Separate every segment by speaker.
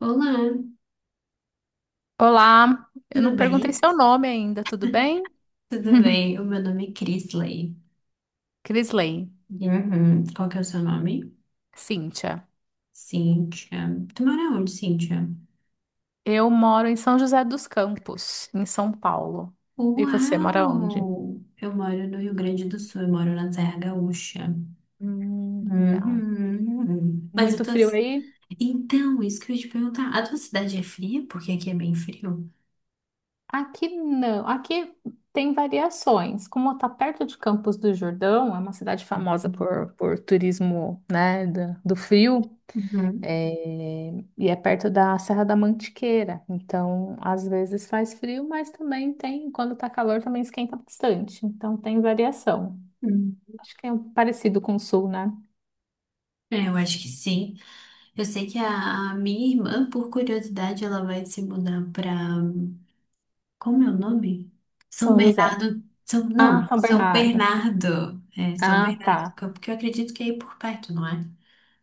Speaker 1: Olá,
Speaker 2: Olá, eu não
Speaker 1: tudo
Speaker 2: perguntei
Speaker 1: bem?
Speaker 2: seu nome ainda, tudo bem?
Speaker 1: Tudo bem, o meu nome é Crisley.
Speaker 2: Crisley,
Speaker 1: Uhum. Qual que é o seu nome?
Speaker 2: Cíntia.
Speaker 1: Cíntia. Tu mora onde, Cíntia?
Speaker 2: Eu moro em São José dos Campos, em São Paulo. E você mora onde?
Speaker 1: Uau! Eu moro no Rio Grande do Sul, eu moro na Serra Gaúcha.
Speaker 2: Legal.
Speaker 1: Uhum. Mas eu
Speaker 2: Muito
Speaker 1: tô...
Speaker 2: frio aí?
Speaker 1: Então, isso que eu ia te perguntar. A tua cidade é fria? Porque aqui é bem frio.
Speaker 2: Aqui não. Aqui tem variações. Como está perto de Campos do Jordão, é uma cidade famosa por turismo, né, do frio.
Speaker 1: Uhum.
Speaker 2: É, e é perto da Serra da Mantiqueira, então às vezes faz frio, mas também tem, quando tá calor, também esquenta bastante, então tem variação.
Speaker 1: Uhum.
Speaker 2: Acho que é um parecido com o Sul, né?
Speaker 1: É, eu acho que sim. Eu sei que a minha irmã, por curiosidade, ela vai se mudar para... Como é o nome? São
Speaker 2: São José.
Speaker 1: Bernardo. São,
Speaker 2: Ah,
Speaker 1: não,
Speaker 2: São
Speaker 1: São
Speaker 2: Bernardo.
Speaker 1: Bernardo. É, São
Speaker 2: Ah, tá.
Speaker 1: Bernardo do Campo, que eu acredito que é aí por perto, não é?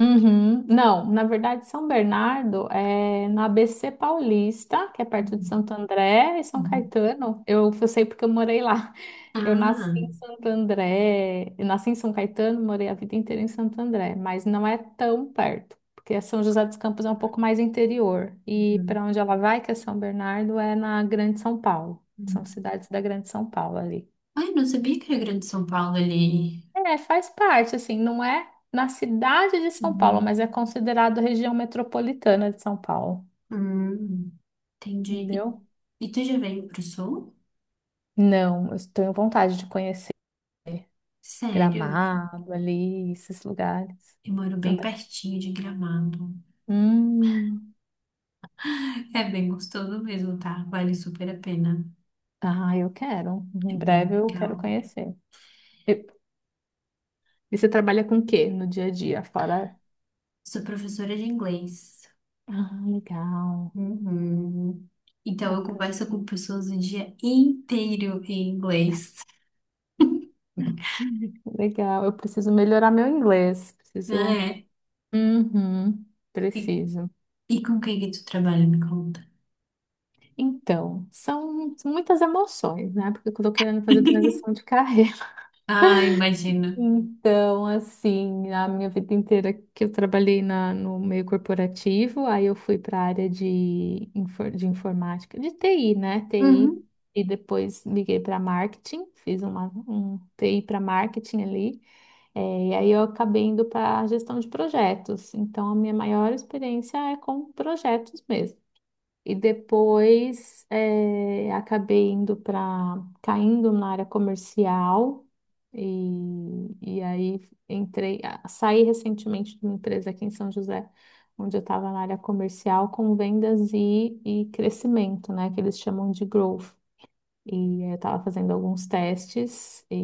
Speaker 2: Uhum. Não, na verdade, São Bernardo é no ABC Paulista, que é perto de
Speaker 1: Uhum,
Speaker 2: Santo André e São
Speaker 1: uhum,
Speaker 2: Caetano. Eu sei porque eu morei lá. Eu nasci
Speaker 1: ah,
Speaker 2: em Santo André, eu nasci em São Caetano, morei a vida inteira em Santo André, mas não é tão perto, porque São José dos Campos é um pouco mais interior. E
Speaker 1: uhum,
Speaker 2: para onde ela vai, que é São Bernardo, é na Grande São Paulo. São
Speaker 1: uhum,
Speaker 2: cidades da Grande São Paulo ali.
Speaker 1: ai, não sabia que era Grande São Paulo ali.
Speaker 2: É, faz parte, assim, não é na cidade de São Paulo,
Speaker 1: Uhum.
Speaker 2: mas é considerado região metropolitana de São Paulo,
Speaker 1: Hum, entendi.
Speaker 2: entendeu?
Speaker 1: E tu já veio pro sul?
Speaker 2: Não, eu tenho vontade de conhecer
Speaker 1: Sério?
Speaker 2: Gramado ali, esses lugares.
Speaker 1: Eu moro bem
Speaker 2: Santa
Speaker 1: pertinho de Gramado.
Speaker 2: Hum.
Speaker 1: É bem gostoso mesmo, tá? Vale super a pena.
Speaker 2: Ah, eu quero.
Speaker 1: É
Speaker 2: Em
Speaker 1: bem
Speaker 2: breve eu quero
Speaker 1: legal.
Speaker 2: conhecer. E, e você trabalha com o quê no dia a dia? Fora.
Speaker 1: Sou professora de inglês.
Speaker 2: Ah, legal.
Speaker 1: Uhum. Então, eu
Speaker 2: Bacana.
Speaker 1: converso com pessoas o dia inteiro em inglês,
Speaker 2: Legal. Eu preciso melhorar meu inglês. Preciso.
Speaker 1: né?
Speaker 2: Uhum,
Speaker 1: E,
Speaker 2: preciso.
Speaker 1: e com quem que tu trabalha, me conta?
Speaker 2: Então, são muitas emoções, né? Porque eu tô querendo fazer transição de carreira.
Speaker 1: Ah, imagino.
Speaker 2: Então, assim, a minha vida inteira que eu trabalhei na, no meio corporativo, aí eu fui para a área de, de informática, de TI, né? TI,
Speaker 1: Uhum,
Speaker 2: e depois liguei para marketing, fiz uma, um TI para marketing ali, e aí eu acabei indo para gestão de projetos. Então, a minha maior experiência é com projetos mesmo. E depois acabei indo para caindo na área comercial e aí saí recentemente de uma empresa aqui em São José, onde eu estava na área comercial com vendas e crescimento, né? Que eles chamam de growth. E eu estava fazendo alguns testes,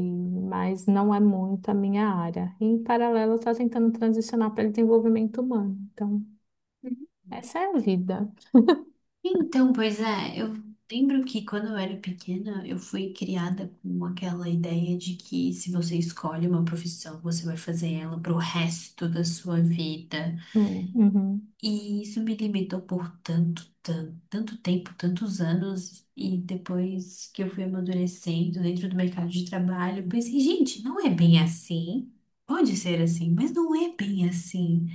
Speaker 2: mas não é muito a minha área. E em paralelo, eu estava tentando transicionar para desenvolvimento humano. Então,
Speaker 1: uhum.
Speaker 2: essa é a vida.
Speaker 1: Então, pois é, eu lembro que quando eu era pequena, eu fui criada com aquela ideia de que se você escolhe uma profissão, você vai fazer ela pro resto da sua vida.
Speaker 2: Uhum,
Speaker 1: E isso me limitou por tanto, tanto, tanto tempo, tantos anos, e depois que eu fui amadurecendo dentro do mercado de trabalho, eu pensei, gente, não é bem assim. Pode ser assim, mas não é bem assim.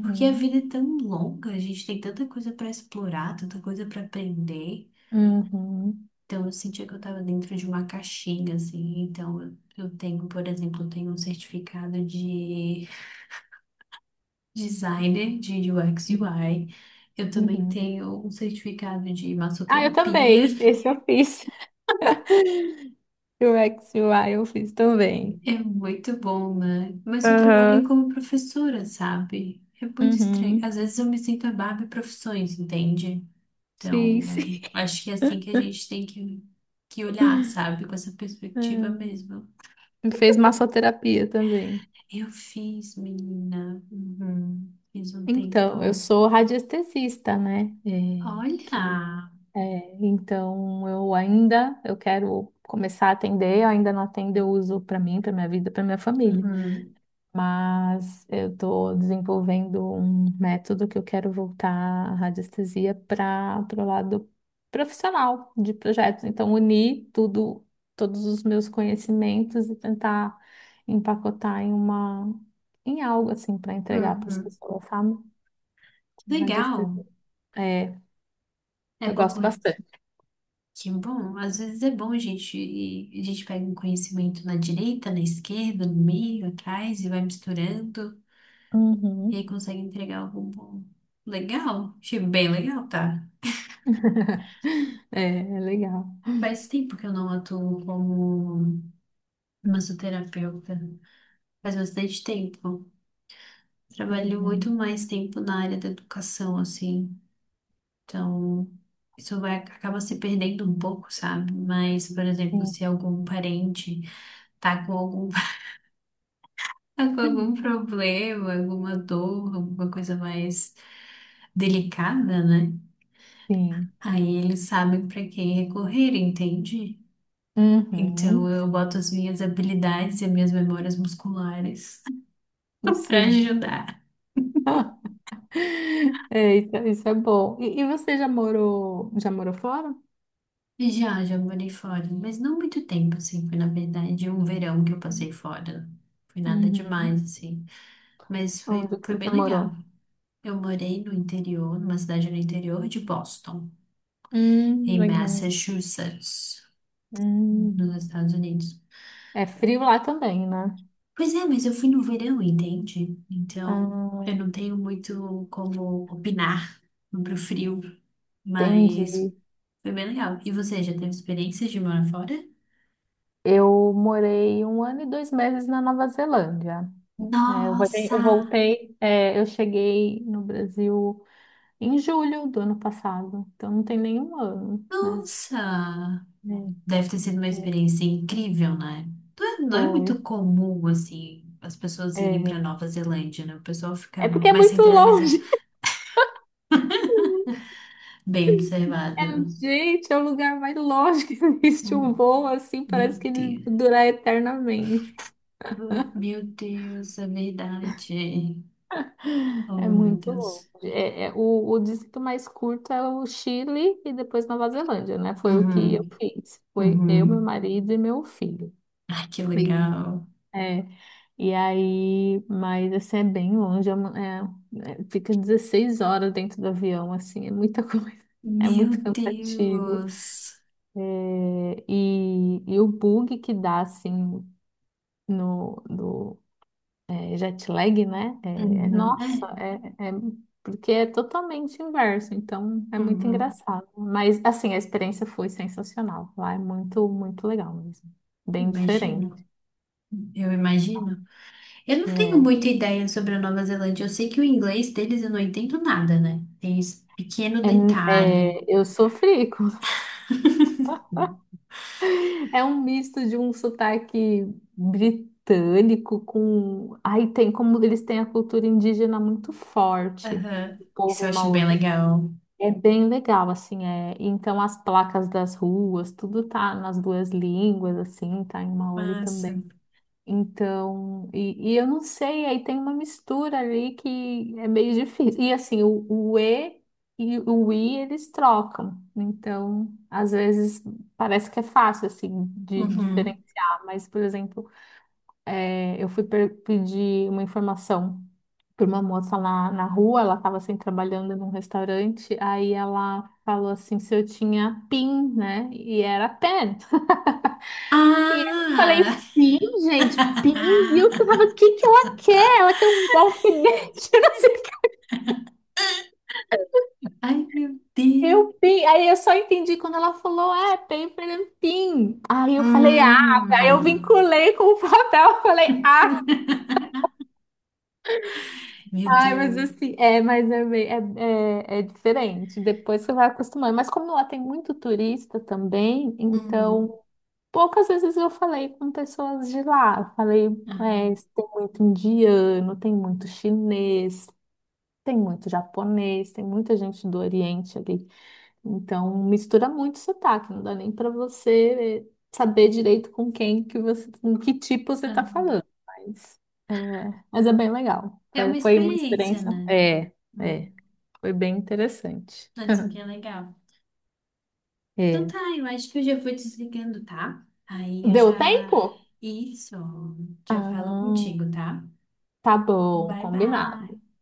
Speaker 1: Porque a vida é tão longa, a gente tem tanta coisa para explorar, tanta coisa para aprender.
Speaker 2: Uhum,
Speaker 1: Então eu sentia que eu estava dentro de uma caixinha, assim. Então eu tenho, por exemplo, eu tenho um certificado de designer de UX
Speaker 2: uhum,
Speaker 1: UI. Eu também
Speaker 2: uhum.
Speaker 1: tenho um certificado de
Speaker 2: Ah, eu
Speaker 1: massoterapia.
Speaker 2: também. Esse eu fiz. O X e o XUI eu fiz também.
Speaker 1: É muito bom, né? Mas eu trabalho
Speaker 2: Aham.
Speaker 1: como professora, sabe? É muito estranho.
Speaker 2: Uhum.
Speaker 1: Às vezes eu me sinto a Barbie profissões, entende?
Speaker 2: Sim,
Speaker 1: Então,
Speaker 2: sim.
Speaker 1: acho que é assim que a gente tem que olhar, sabe? Com essa perspectiva
Speaker 2: Hum.
Speaker 1: mesmo.
Speaker 2: Fez massoterapia também.
Speaker 1: Eu fiz, menina. Uhum. Fiz um
Speaker 2: Então, eu
Speaker 1: tempão.
Speaker 2: sou radiestesista, né? É,
Speaker 1: Olha!
Speaker 2: então, eu quero começar a atender, eu ainda não atendo, eu uso para mim, para minha vida, para minha família.
Speaker 1: Uhum.
Speaker 2: Mas eu estou desenvolvendo um método que eu quero voltar a radiestesia para o lado profissional de projetos. Então, unir tudo, todos os meus conhecimentos e tentar empacotar em uma, em algo assim para entregar para as
Speaker 1: Uhum.
Speaker 2: pessoas, sabe? Com
Speaker 1: Legal!
Speaker 2: radiestesia. É,
Speaker 1: É
Speaker 2: eu
Speaker 1: bom...
Speaker 2: gosto bastante.
Speaker 1: Que bom, às vezes é bom, gente. A gente pega um conhecimento na direita, na esquerda, no meio, atrás e vai misturando. E aí
Speaker 2: Uhum.
Speaker 1: consegue entregar algo bom. Legal, achei bem legal, tá?
Speaker 2: É, é legal.
Speaker 1: Faz tempo que eu não atuo como massoterapeuta. Faz bastante tempo. Trabalho muito
Speaker 2: Uhum.
Speaker 1: mais tempo na área da educação, assim. Então, isso vai, acaba se perdendo um pouco, sabe? Mas, por exemplo,
Speaker 2: Sim.
Speaker 1: se algum parente tá com algum... Tá com algum problema, alguma dor, alguma coisa mais delicada, né?
Speaker 2: Sim.
Speaker 1: Aí eles sabem para quem recorrer, entende? Então
Speaker 2: Uhum.
Speaker 1: eu boto as minhas habilidades e as minhas memórias musculares para
Speaker 2: Sim.
Speaker 1: ajudar.
Speaker 2: É, isso é bom. E você já morou fora?
Speaker 1: Já, já morei fora, mas não muito tempo, assim. Foi, na verdade, um verão que eu passei fora. Foi nada
Speaker 2: Uhum.
Speaker 1: demais, assim. Mas foi,
Speaker 2: Onde que
Speaker 1: foi bem
Speaker 2: você
Speaker 1: legal.
Speaker 2: morou?
Speaker 1: Eu morei no interior, numa cidade no interior de Boston, em
Speaker 2: Legal.
Speaker 1: Massachusetts, nos
Speaker 2: Hum.
Speaker 1: Estados Unidos.
Speaker 2: É frio lá também, né?
Speaker 1: Pois é, mas eu fui no verão, entende? Então, eu
Speaker 2: Ah,
Speaker 1: não tenho muito como opinar sobre o frio, mas
Speaker 2: entendi.
Speaker 1: foi bem legal. E você já teve experiências de morar fora?
Speaker 2: Eu morei um ano e 2 meses na Nova Zelândia. É,
Speaker 1: Nossa!
Speaker 2: eu cheguei no Brasil em julho do ano passado, então não tem nenhum ano, né?
Speaker 1: Nossa! Deve ter sido uma
Speaker 2: É, é,
Speaker 1: experiência incrível, né? Não é, não é
Speaker 2: foi.
Speaker 1: muito comum, assim, as pessoas irem para
Speaker 2: É,
Speaker 1: Nova Zelândia, né? O pessoal fica
Speaker 2: é porque é
Speaker 1: mais
Speaker 2: muito
Speaker 1: centralizado.
Speaker 2: longe.
Speaker 1: Bem
Speaker 2: É,
Speaker 1: observado.
Speaker 2: gente, é o lugar mais longe que existe um
Speaker 1: Hum,
Speaker 2: voo, assim,
Speaker 1: Meu
Speaker 2: parece que ele
Speaker 1: Deus.
Speaker 2: durar eternamente.
Speaker 1: Meu Deus, é verdade.
Speaker 2: É
Speaker 1: Oh, meu
Speaker 2: muito longe.
Speaker 1: Deus.
Speaker 2: É, o distrito mais curto é o Chile e depois Nova Zelândia, né? Foi o que eu
Speaker 1: Uhum,
Speaker 2: fiz. Foi eu, meu
Speaker 1: uhum.
Speaker 2: marido e meu filho.
Speaker 1: Ai, que
Speaker 2: Sim.
Speaker 1: legal.
Speaker 2: é, e aí, mas assim, é bem longe, fica 16 horas dentro do avião, assim, é muita coisa. É
Speaker 1: Meu
Speaker 2: muito cansativo.
Speaker 1: Deus.
Speaker 2: É, e o bug que dá, assim, no, do jet lag, né? É,
Speaker 1: Uhum,
Speaker 2: nossa,
Speaker 1: é,
Speaker 2: porque é totalmente inverso, então é muito
Speaker 1: uhum.
Speaker 2: engraçado. Mas assim, a experiência foi sensacional. Lá é muito, muito legal mesmo.
Speaker 1: Eu
Speaker 2: Bem diferente.
Speaker 1: imagino. Eu imagino. Eu não tenho muita ideia sobre a Nova Zelândia. Eu sei que o inglês deles eu não entendo nada, né? Tem esse pequeno
Speaker 2: É, é,
Speaker 1: detalhe.
Speaker 2: é, eu sofri. É um misto de um sotaque britânico com. Aí tem como eles têm a cultura indígena muito forte,
Speaker 1: Aham.
Speaker 2: o
Speaker 1: Isso eu
Speaker 2: povo
Speaker 1: acho bem
Speaker 2: maori.
Speaker 1: legal.
Speaker 2: É bem legal, assim, é. Então as placas das ruas, tudo tá nas duas línguas, assim, tá em Maori
Speaker 1: Massa.
Speaker 2: também. Então, e eu não sei, aí tem uma mistura ali que é meio difícil. E assim, o E e o I eles trocam. Então, às vezes parece que é fácil, assim, de diferenciar.
Speaker 1: Uhum.
Speaker 2: Mas, por exemplo, eu fui pedir uma informação por uma moça lá na rua, ela estava assim trabalhando num restaurante, aí ela falou assim se eu tinha PIN, né? E era pen. E aí eu
Speaker 1: Ah!
Speaker 2: falei, PIN, gente, PIN, o que que ela quer? Ela quer um alfinete, eu não sei o que.
Speaker 1: Ai, meu
Speaker 2: Eu,
Speaker 1: Deus.
Speaker 2: PIN. Aí eu só entendi quando ela falou, PIN, PIN. Aí eu falei, ah, aí eu
Speaker 1: Hum.
Speaker 2: vinculei com o papel, eu falei, ah.
Speaker 1: Meu
Speaker 2: Ai, mas
Speaker 1: Deus.
Speaker 2: assim, é diferente. Depois você vai acostumando. Mas como lá tem muito turista também, então
Speaker 1: Hum.
Speaker 2: poucas vezes eu falei com pessoas de lá. Eu falei,
Speaker 1: Aham,
Speaker 2: tem muito indiano, tem muito chinês, tem muito japonês, tem muita gente do Oriente ali. Então, mistura muito sotaque, não dá nem para você saber direito com quem que você, com que tipo você tá
Speaker 1: aham.
Speaker 2: falando. É, mas é bem legal.
Speaker 1: É
Speaker 2: Foi,
Speaker 1: uma
Speaker 2: foi uma
Speaker 1: experiência,
Speaker 2: experiência.
Speaker 1: né?
Speaker 2: É,
Speaker 1: Hum.
Speaker 2: é, foi bem interessante.
Speaker 1: Assim que é legal. Então
Speaker 2: É.
Speaker 1: tá, eu acho que eu já vou desligando, tá? Aí eu
Speaker 2: Deu
Speaker 1: já...
Speaker 2: tempo?
Speaker 1: Isso. Já falo
Speaker 2: Ah,
Speaker 1: contigo, tá?
Speaker 2: tá bom,
Speaker 1: Bye,
Speaker 2: combinado.
Speaker 1: bye.